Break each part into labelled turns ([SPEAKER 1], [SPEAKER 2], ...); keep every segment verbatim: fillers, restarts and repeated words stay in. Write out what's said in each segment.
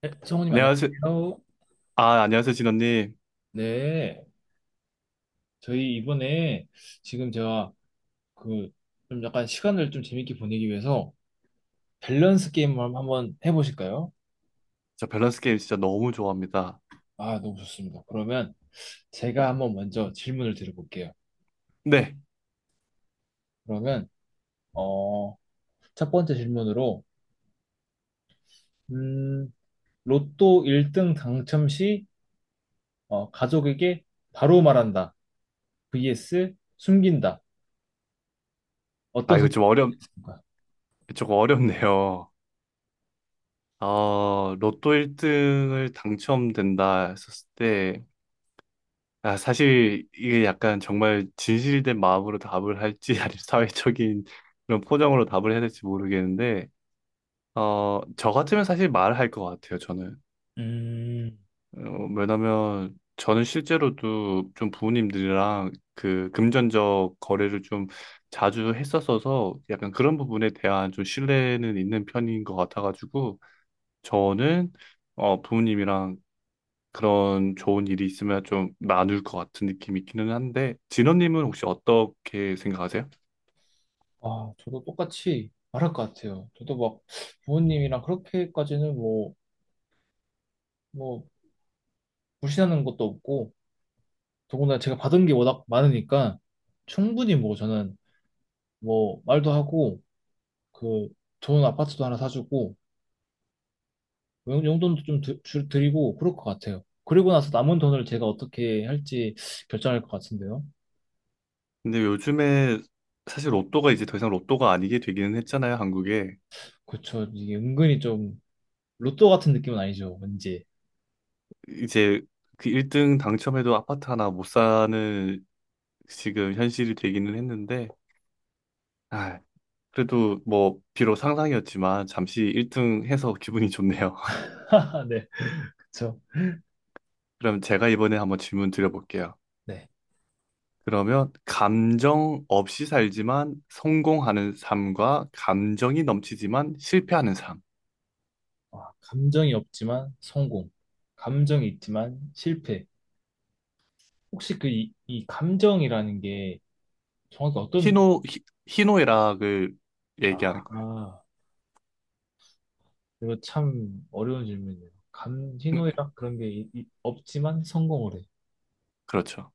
[SPEAKER 1] 네, 성우님
[SPEAKER 2] 안녕하세요.
[SPEAKER 1] 안녕하세요.
[SPEAKER 2] 아, 안녕하세요, 진원님.
[SPEAKER 1] 네, 저희 이번에 지금 제가 그 좀 약간 시간을 좀 재밌게 보내기 위해서 밸런스 게임을 한번 한번 해보실까요?
[SPEAKER 2] 저 밸런스 게임 진짜 너무 좋아합니다.
[SPEAKER 1] 아, 너무 좋습니다. 그러면 제가 한번 먼저 질문을 드려볼게요.
[SPEAKER 2] 네.
[SPEAKER 1] 그러면 어, 첫 번째 질문으로 음, 로또 일 등 당첨 시 어, 가족에게 바로 말한다. vs 숨긴다.
[SPEAKER 2] 아,
[SPEAKER 1] 어떤
[SPEAKER 2] 이거 좀 어렵,
[SPEAKER 1] 선택인가요?
[SPEAKER 2] 조금 어렵네요. 어, 로또 일 등을 당첨된다 했었을 때, 아, 사실 이게 약간 정말 진실된 마음으로 답을 할지, 아니면 사회적인 그런 포장으로 답을 해야 될지 모르겠는데, 어, 저 같으면 사실 말할 것 같아요, 저는.
[SPEAKER 1] 음,
[SPEAKER 2] 어, 왜냐면 저는 실제로도 좀 부모님들이랑 그 금전적 거래를 좀 자주 했었어서 약간 그런 부분에 대한 좀 신뢰는 있는 편인 것 같아가지고 저는 어, 부모님이랑 그런 좋은 일이 있으면 좀 나눌 것 같은 느낌이 있기는 한데 진원님은 혹시 어떻게 생각하세요?
[SPEAKER 1] 아, 저도 똑같이 말할 것 같아요. 저도 막 부모님이랑 그렇게까지는 뭐, 뭐, 불신하는 것도 없고, 더군다나 제가 받은 게 워낙 많으니까, 충분히 뭐 저는 뭐, 말도 하고, 그, 좋은 아파트도 하나 사주고, 뭐 용- 용돈도 좀 드, 줄- 드리고, 그럴 것 같아요. 그리고 나서 남은 돈을 제가 어떻게 할지 결정할 것 같은데요.
[SPEAKER 2] 근데 요즘에 사실 로또가 이제 더 이상 로또가 아니게 되기는 했잖아요, 한국에.
[SPEAKER 1] 그쵸. 이게 은근히 좀, 로또 같은 느낌은 아니죠. 왠지.
[SPEAKER 2] 이제 그 일 등 당첨해도 아파트 하나 못 사는 지금 현실이 되기는 했는데, 아, 그래도 뭐, 비록 상상이었지만, 잠시 일 등 해서 기분이 좋네요.
[SPEAKER 1] 네. 그쵸.
[SPEAKER 2] 그럼 제가 이번에 한번 질문 드려볼게요.
[SPEAKER 1] 네.
[SPEAKER 2] 그러면, 감정 없이 살지만 성공하는 삶과 감정이 넘치지만 실패하는 삶.
[SPEAKER 1] 와, 감정이 없지만 성공. 감정이 있지만 실패. 혹시 그 이, 이 감정이라는 게 정확히 어떤 느낌?
[SPEAKER 2] 희노, 희- 희노애락을
[SPEAKER 1] 아,
[SPEAKER 2] 얘기하는 거예요.
[SPEAKER 1] 아, 이거 참 어려운 질문이에요. 감, 희노애락 그런 게 이- 이- 없지만 성공을 해.
[SPEAKER 2] 그렇죠.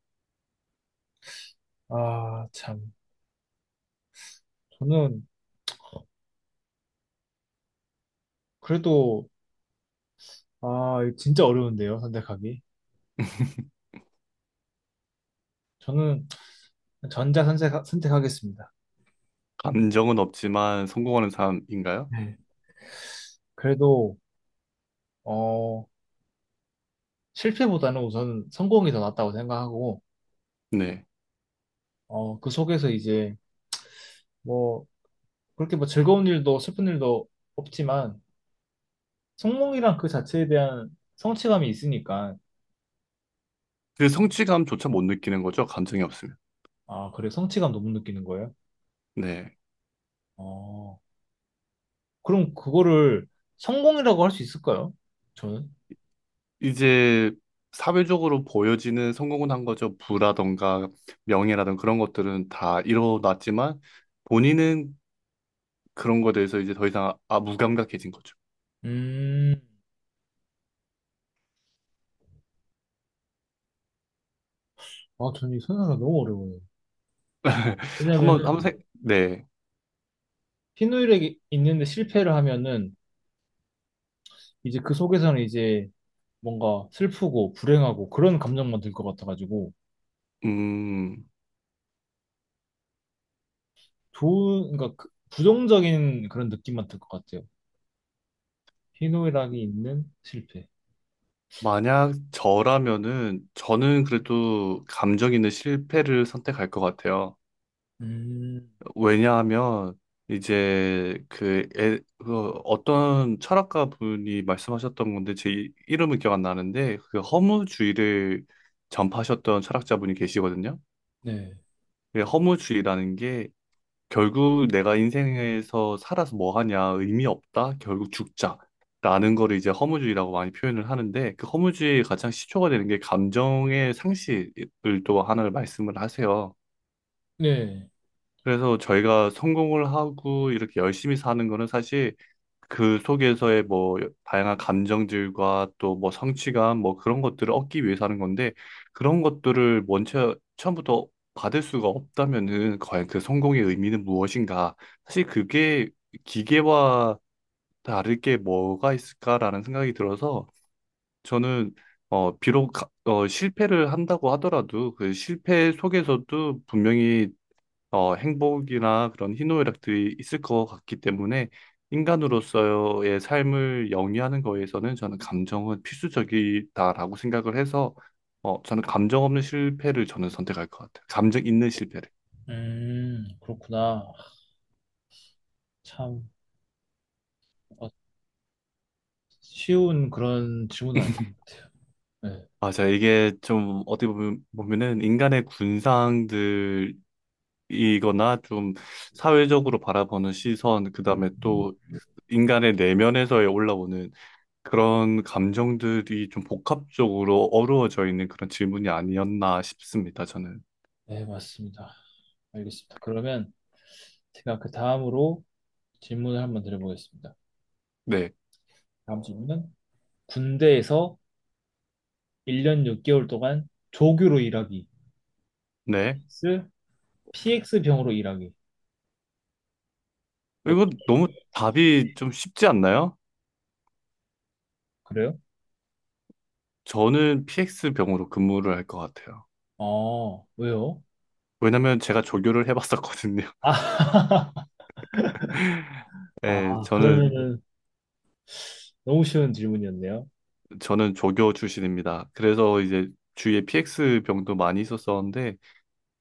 [SPEAKER 1] 아, 참. 저는 그래도 아, 이거 진짜 어려운데요, 선택하기. 저는 전자 선택, 선택하겠습니다.
[SPEAKER 2] 감정은 없지만 성공하는 삶인가요?
[SPEAKER 1] 네. 그래도 어, 실패보다는 우선 성공이 더 낫다고 생각하고
[SPEAKER 2] 네.
[SPEAKER 1] 어, 그 속에서 이제 뭐 그렇게 뭐 즐거운 일도 슬픈 일도 없지만 성몽이란 그 자체에 대한 성취감이 있으니까
[SPEAKER 2] 그 성취감조차 못 느끼는 거죠. 감정이 없으면.
[SPEAKER 1] 아, 그래 성취감 너무 느끼는 거예요?
[SPEAKER 2] 네.
[SPEAKER 1] 어. 그럼 그거를 성공이라고 할 수 있을까요? 저는?
[SPEAKER 2] 이제 사회적으로 보여지는 성공은 한 거죠. 부라던가 명예라던가 그런 것들은 다 이뤄놨지만 본인은 그런 거에 대해서 이제 더 이상 아, 무감각해진 거죠.
[SPEAKER 1] 음. 아, 저는 이선각이 너무 어려워요.
[SPEAKER 2] 한번
[SPEAKER 1] 왜냐면은
[SPEAKER 2] 한번 생 네.
[SPEAKER 1] 희누일에 있는데 실패를 하면은 이제 그 속에서는 이제 뭔가 슬프고 불행하고 그런 감정만 들 것 같아가지고
[SPEAKER 2] 음.
[SPEAKER 1] 좋은 그러니까 그 부정적인 그런 느낌만 들 것 같아요. 희노애락이 있는 실패.
[SPEAKER 2] 만약 저라면은 저는 그래도 감정 있는 실패를 선택할 것 같아요.
[SPEAKER 1] 음,
[SPEAKER 2] 왜냐하면 이제 그, 에, 그 어떤 철학가 분이 말씀하셨던 건데 제 이- 이름은 기억 안 나는데 그 허무주의를 전파하셨던 철학자분이 계시거든요.
[SPEAKER 1] 네.
[SPEAKER 2] 그 허무주의라는 게 결국 내가 인생에서 살아서 뭐 하냐 의미 없다 결국 죽자 라는 거를 이제 허무주의라고 많이 표현을 하는데 그 허무주의의 가장 시초가 되는 게 감정의 상실을 또 하나를 말씀을 하세요.
[SPEAKER 1] 네.
[SPEAKER 2] 그래서 저희가 성공을 하고 이렇게 열심히 사는 거는 사실 그 속에서의 뭐 다양한 감정들과 또 뭐 성취감 뭐 그런 것들을 얻기 위해서 하는 건데 그런 것들을 먼저 처음부터 받을 수가 없다면은 과연 그 성공의 의미는 무엇인가? 사실 그게 기계와 다를 게 뭐가 있을까라는 생각이 들어서 저는 어 비록 가- 어 실패를 한다고 하더라도 그 실패 속에서도 분명히 어, 행복이나 그런 희노애락들이 있을 것 같기 때문에 인간으로서의 삶을 영위하는 거에서는 저는 감정은 필수적이다라고 생각을 해서 어, 저는 감정 없는 실패를 저는 선택할 것 같아요. 감정 있는 실패를.
[SPEAKER 1] 음, 그렇구나. 참, 뭔가 쉬운 그런 질문은 아닌 것 같아요. 네.
[SPEAKER 2] 맞아. 이게 좀 어떻게 보면, 보면은 인간의 군상들이거나 좀 사회적으로 바라보는 시선, 그 다음에 또 인간의 내면에서 올라오는 그런 감정들이 좀 복합적으로 어우러져 있는 그런 질문이 아니었나 싶습니다, 저는.
[SPEAKER 1] 네, 맞습니다. 알겠습니다. 그러면 제가 그 다음으로 질문을 한번 드려보겠습니다.
[SPEAKER 2] 네.
[SPEAKER 1] 다음 질문은 군대에서 일 년 육 개월 동안 조교로 일하기,
[SPEAKER 2] 네.
[SPEAKER 1] vs 피엑스 병으로 일하기. 어,
[SPEAKER 2] 이거 너무 답이 좀 쉽지 않나요?
[SPEAKER 1] 그래요?
[SPEAKER 2] 저는 피엑스 병으로 근무를 할 것 같아요.
[SPEAKER 1] 아, 왜요?
[SPEAKER 2] 왜냐면 제가 조교를 해봤었거든요.
[SPEAKER 1] 아, 아,
[SPEAKER 2] 네, 저는,
[SPEAKER 1] 그러면은 너무 쉬운 질문이었네요.
[SPEAKER 2] 저는 조교 출신입니다. 그래서 이제 주위에 피엑스 병도 많이 있었었는데,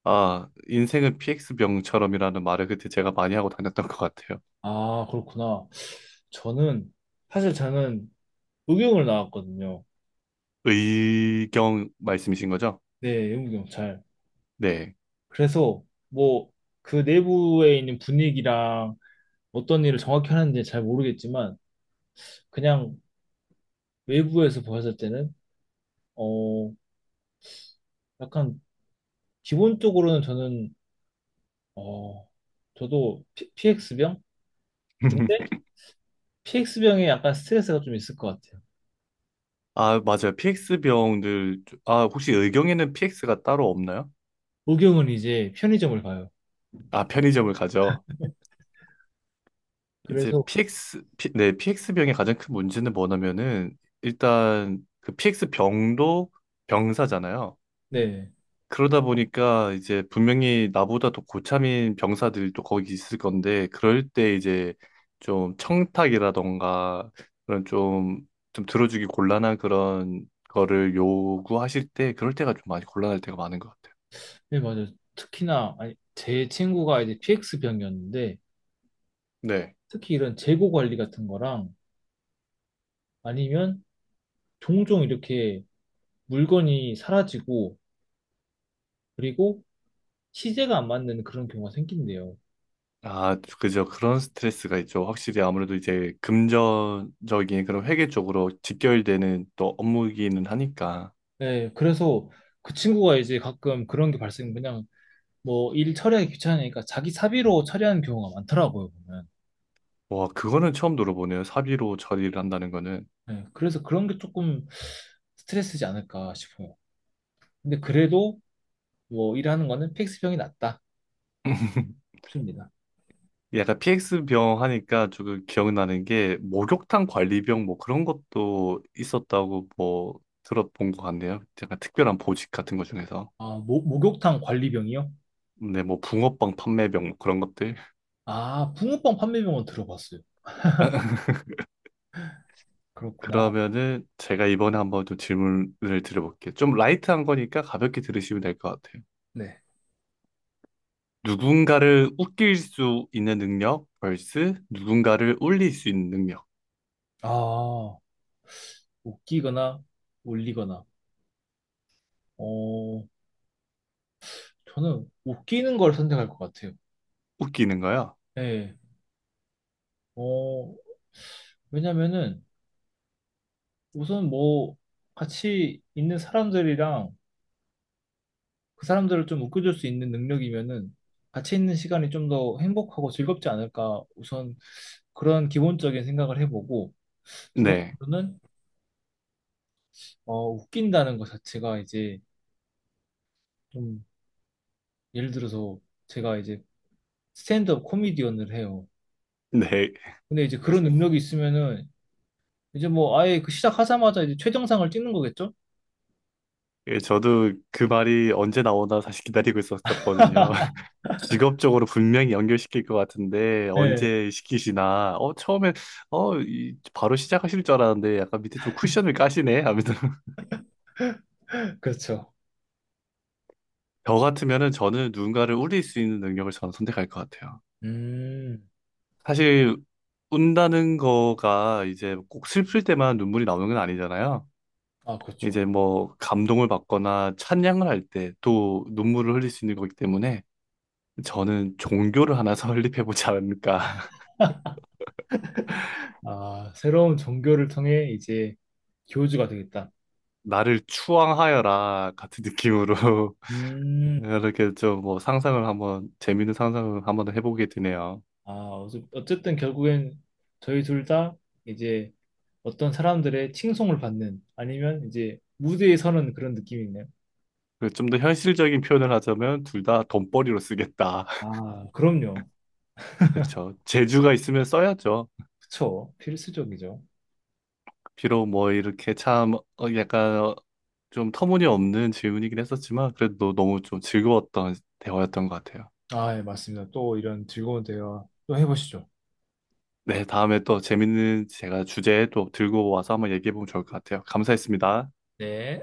[SPEAKER 2] 아, 인생은 피엑스 병처럼이라는 말을 그때 제가 많이 하고 다녔던 것 같아요.
[SPEAKER 1] 아, 그렇구나. 저는, 사실 저는 의경을 나왔거든요.
[SPEAKER 2] 의경 말씀이신 거죠?
[SPEAKER 1] 네, 의무경찰.
[SPEAKER 2] 네.
[SPEAKER 1] 그래서, 뭐, 그 내부에 있는 분위기랑 어떤 일을 정확히 하는지 잘 모르겠지만, 그냥 외부에서 보았을 때는, 어, 약간, 기본적으로는 저는, 어, 저도 피, 피엑스병? 근데 피엑스병에 약간 스트레스가 좀 있을 것 같아요.
[SPEAKER 2] 아, 맞아요. 피엑스 병들, 아, 혹시 의경에는 피엑스가 따로 없나요?
[SPEAKER 1] 의경은 이제 편의점을 가요.
[SPEAKER 2] 아, 편의점을 가죠. 이제
[SPEAKER 1] 그래서,
[SPEAKER 2] 피엑스, 피- 네, 피엑스 병의 가장 큰 문제는 뭐냐면은, 일단 그 피엑스 병도 병사잖아요.
[SPEAKER 1] 네.
[SPEAKER 2] 그러다 보니까 이제 분명히 나보다 더 고참인 병사들이 또 거기 있을 건데, 그럴 때 이제 좀 청탁이라던가, 그런 좀, 좀 들어주기 곤란한 그런 거를 요구하실 때, 그럴 때가 좀 많이 곤란할 때가 많은 것 같아요.
[SPEAKER 1] 네, 맞아요. 특히나, 아니, 제 친구가 이제 피엑스 병이었는데,
[SPEAKER 2] 네.
[SPEAKER 1] 특히 이런 재고 관리 같은 거랑 아니면 종종 이렇게 물건이 사라지고, 그리고 시제가 안 맞는 그런 경우가 생긴대요.
[SPEAKER 2] 아, 그죠. 그런 스트레스가 있죠. 확실히 아무래도 이제 금전적인 그런 회계 쪽으로 직결되는 또 업무이기는 하니까.
[SPEAKER 1] 네, 그래서 그 친구가 이제 가끔 그런 게 발생, 그냥 뭐 일 처리하기 귀찮으니까 자기 사비로 처리하는 경우가 많더라고요, 보면.
[SPEAKER 2] 와, 그거는 처음 들어보네요. 사비로 처리를 한다는 거는.
[SPEAKER 1] 네, 그래서 그런 게 조금 스트레스지 않을까 싶어요. 근데 그래도 뭐 일하는 거는 피엑스 병이 낫다 싶습니다.
[SPEAKER 2] 약간 피엑스 병 하니까 조금 기억나는 게 목욕탕 관리병 뭐 그런 것도 있었다고 뭐 들어본 것 같네요. 약간 특별한 보직 같은 것 중에서.
[SPEAKER 1] 아, 목, 목욕탕 관리병이요?
[SPEAKER 2] 네, 뭐 붕어빵 판매병 뭐 그런 것들.
[SPEAKER 1] 아, 붕어빵 판매병은 들어봤어요. 그렇구나.
[SPEAKER 2] 그러면은 제가 이번에 한번 좀 질문을 드려볼게요. 좀 라이트한 거니까 가볍게 들으시면 될 것 같아요.
[SPEAKER 1] 네.
[SPEAKER 2] 누군가를 웃길 수 있는 능력 vs 누군가를 울릴 수 있는 능력.
[SPEAKER 1] 아, 웃기거나 올리거나. 어, 저는 웃기는 걸 선택할 것 같아요.
[SPEAKER 2] 웃기는 거요?
[SPEAKER 1] 네. 어, 왜냐면은 우선 뭐 같이 있는 사람들이랑 그 사람들을 좀 웃겨줄 수 있는 능력이면은 같이 있는 시간이 좀 더 행복하고 즐겁지 않을까. 우선 그런 기본적인 생각을 해보고 두
[SPEAKER 2] 네.
[SPEAKER 1] 번째로는 어, 웃긴다는 것 자체가 이제 좀 예를 들어서 제가 이제 스탠드업 코미디언을 해요.
[SPEAKER 2] 네.
[SPEAKER 1] 근데 이제 그런 능력이 있으면은 이제 뭐 아예 그 시작하자마자 이제 최정상을 찍는 거겠죠?
[SPEAKER 2] 예, 저도 그 말이 언제 나오나 사실 기다리고 있었었거든요. 직업적으로 분명히 연결시킬 것 같은데
[SPEAKER 1] 예,
[SPEAKER 2] 언제 시키시나. 어, 처음엔 어, 이- 바로 시작하실 줄 알았는데 약간 밑에 좀 쿠션을 까시네 하면서
[SPEAKER 1] 그렇죠.
[SPEAKER 2] 저 같으면은 저는 누군가를 울릴 수 있는 능력을 저는 선택할 것 같아요.
[SPEAKER 1] 음,
[SPEAKER 2] 사실 운다는 거가 이제 꼭 슬플 때만 눈물이 나오는 건 아니잖아요.
[SPEAKER 1] 아, 그렇죠.
[SPEAKER 2] 이제 뭐 감동을 받거나 찬양을 할 때 또 눈물을 흘릴 수 있는 거기 때문에 저는 종교를 하나 설립해 보지 않을까.
[SPEAKER 1] 아, 새로운 종교를 통해 이제 교주가 되겠다.
[SPEAKER 2] 나를 추앙하여라 같은 느낌으로
[SPEAKER 1] 음,
[SPEAKER 2] 이렇게 좀 뭐 상상을 한번 재밌는 상상을 한번 해보게 되네요.
[SPEAKER 1] 아, 어째- 어쨌든 결국엔 저희 둘 다 이제 어떤 사람들의 칭송을 받는 아니면 이제 무대에 서는 그런 느낌이네요.
[SPEAKER 2] 좀 더 현실적인 표현을 하자면 둘 다 돈벌이로 쓰겠다.
[SPEAKER 1] 아, 그럼요.
[SPEAKER 2] 그렇죠. 재주가 있으면 써야죠.
[SPEAKER 1] 그쵸. 필수적이죠.
[SPEAKER 2] 비록 뭐 이렇게 참 어, 약간 어, 좀 터무니없는 질문이긴 했었지만 그래도 너무 좀 즐거웠던 대화였던 것 같아요.
[SPEAKER 1] 아, 예, 맞습니다. 또 이런 즐거운 대화 또 해보시죠.
[SPEAKER 2] 네, 다음에 또 재밌는 제가 주제 또 들고 와서 한번 얘기해보면 좋을 것 같아요. 감사했습니다.
[SPEAKER 1] 네.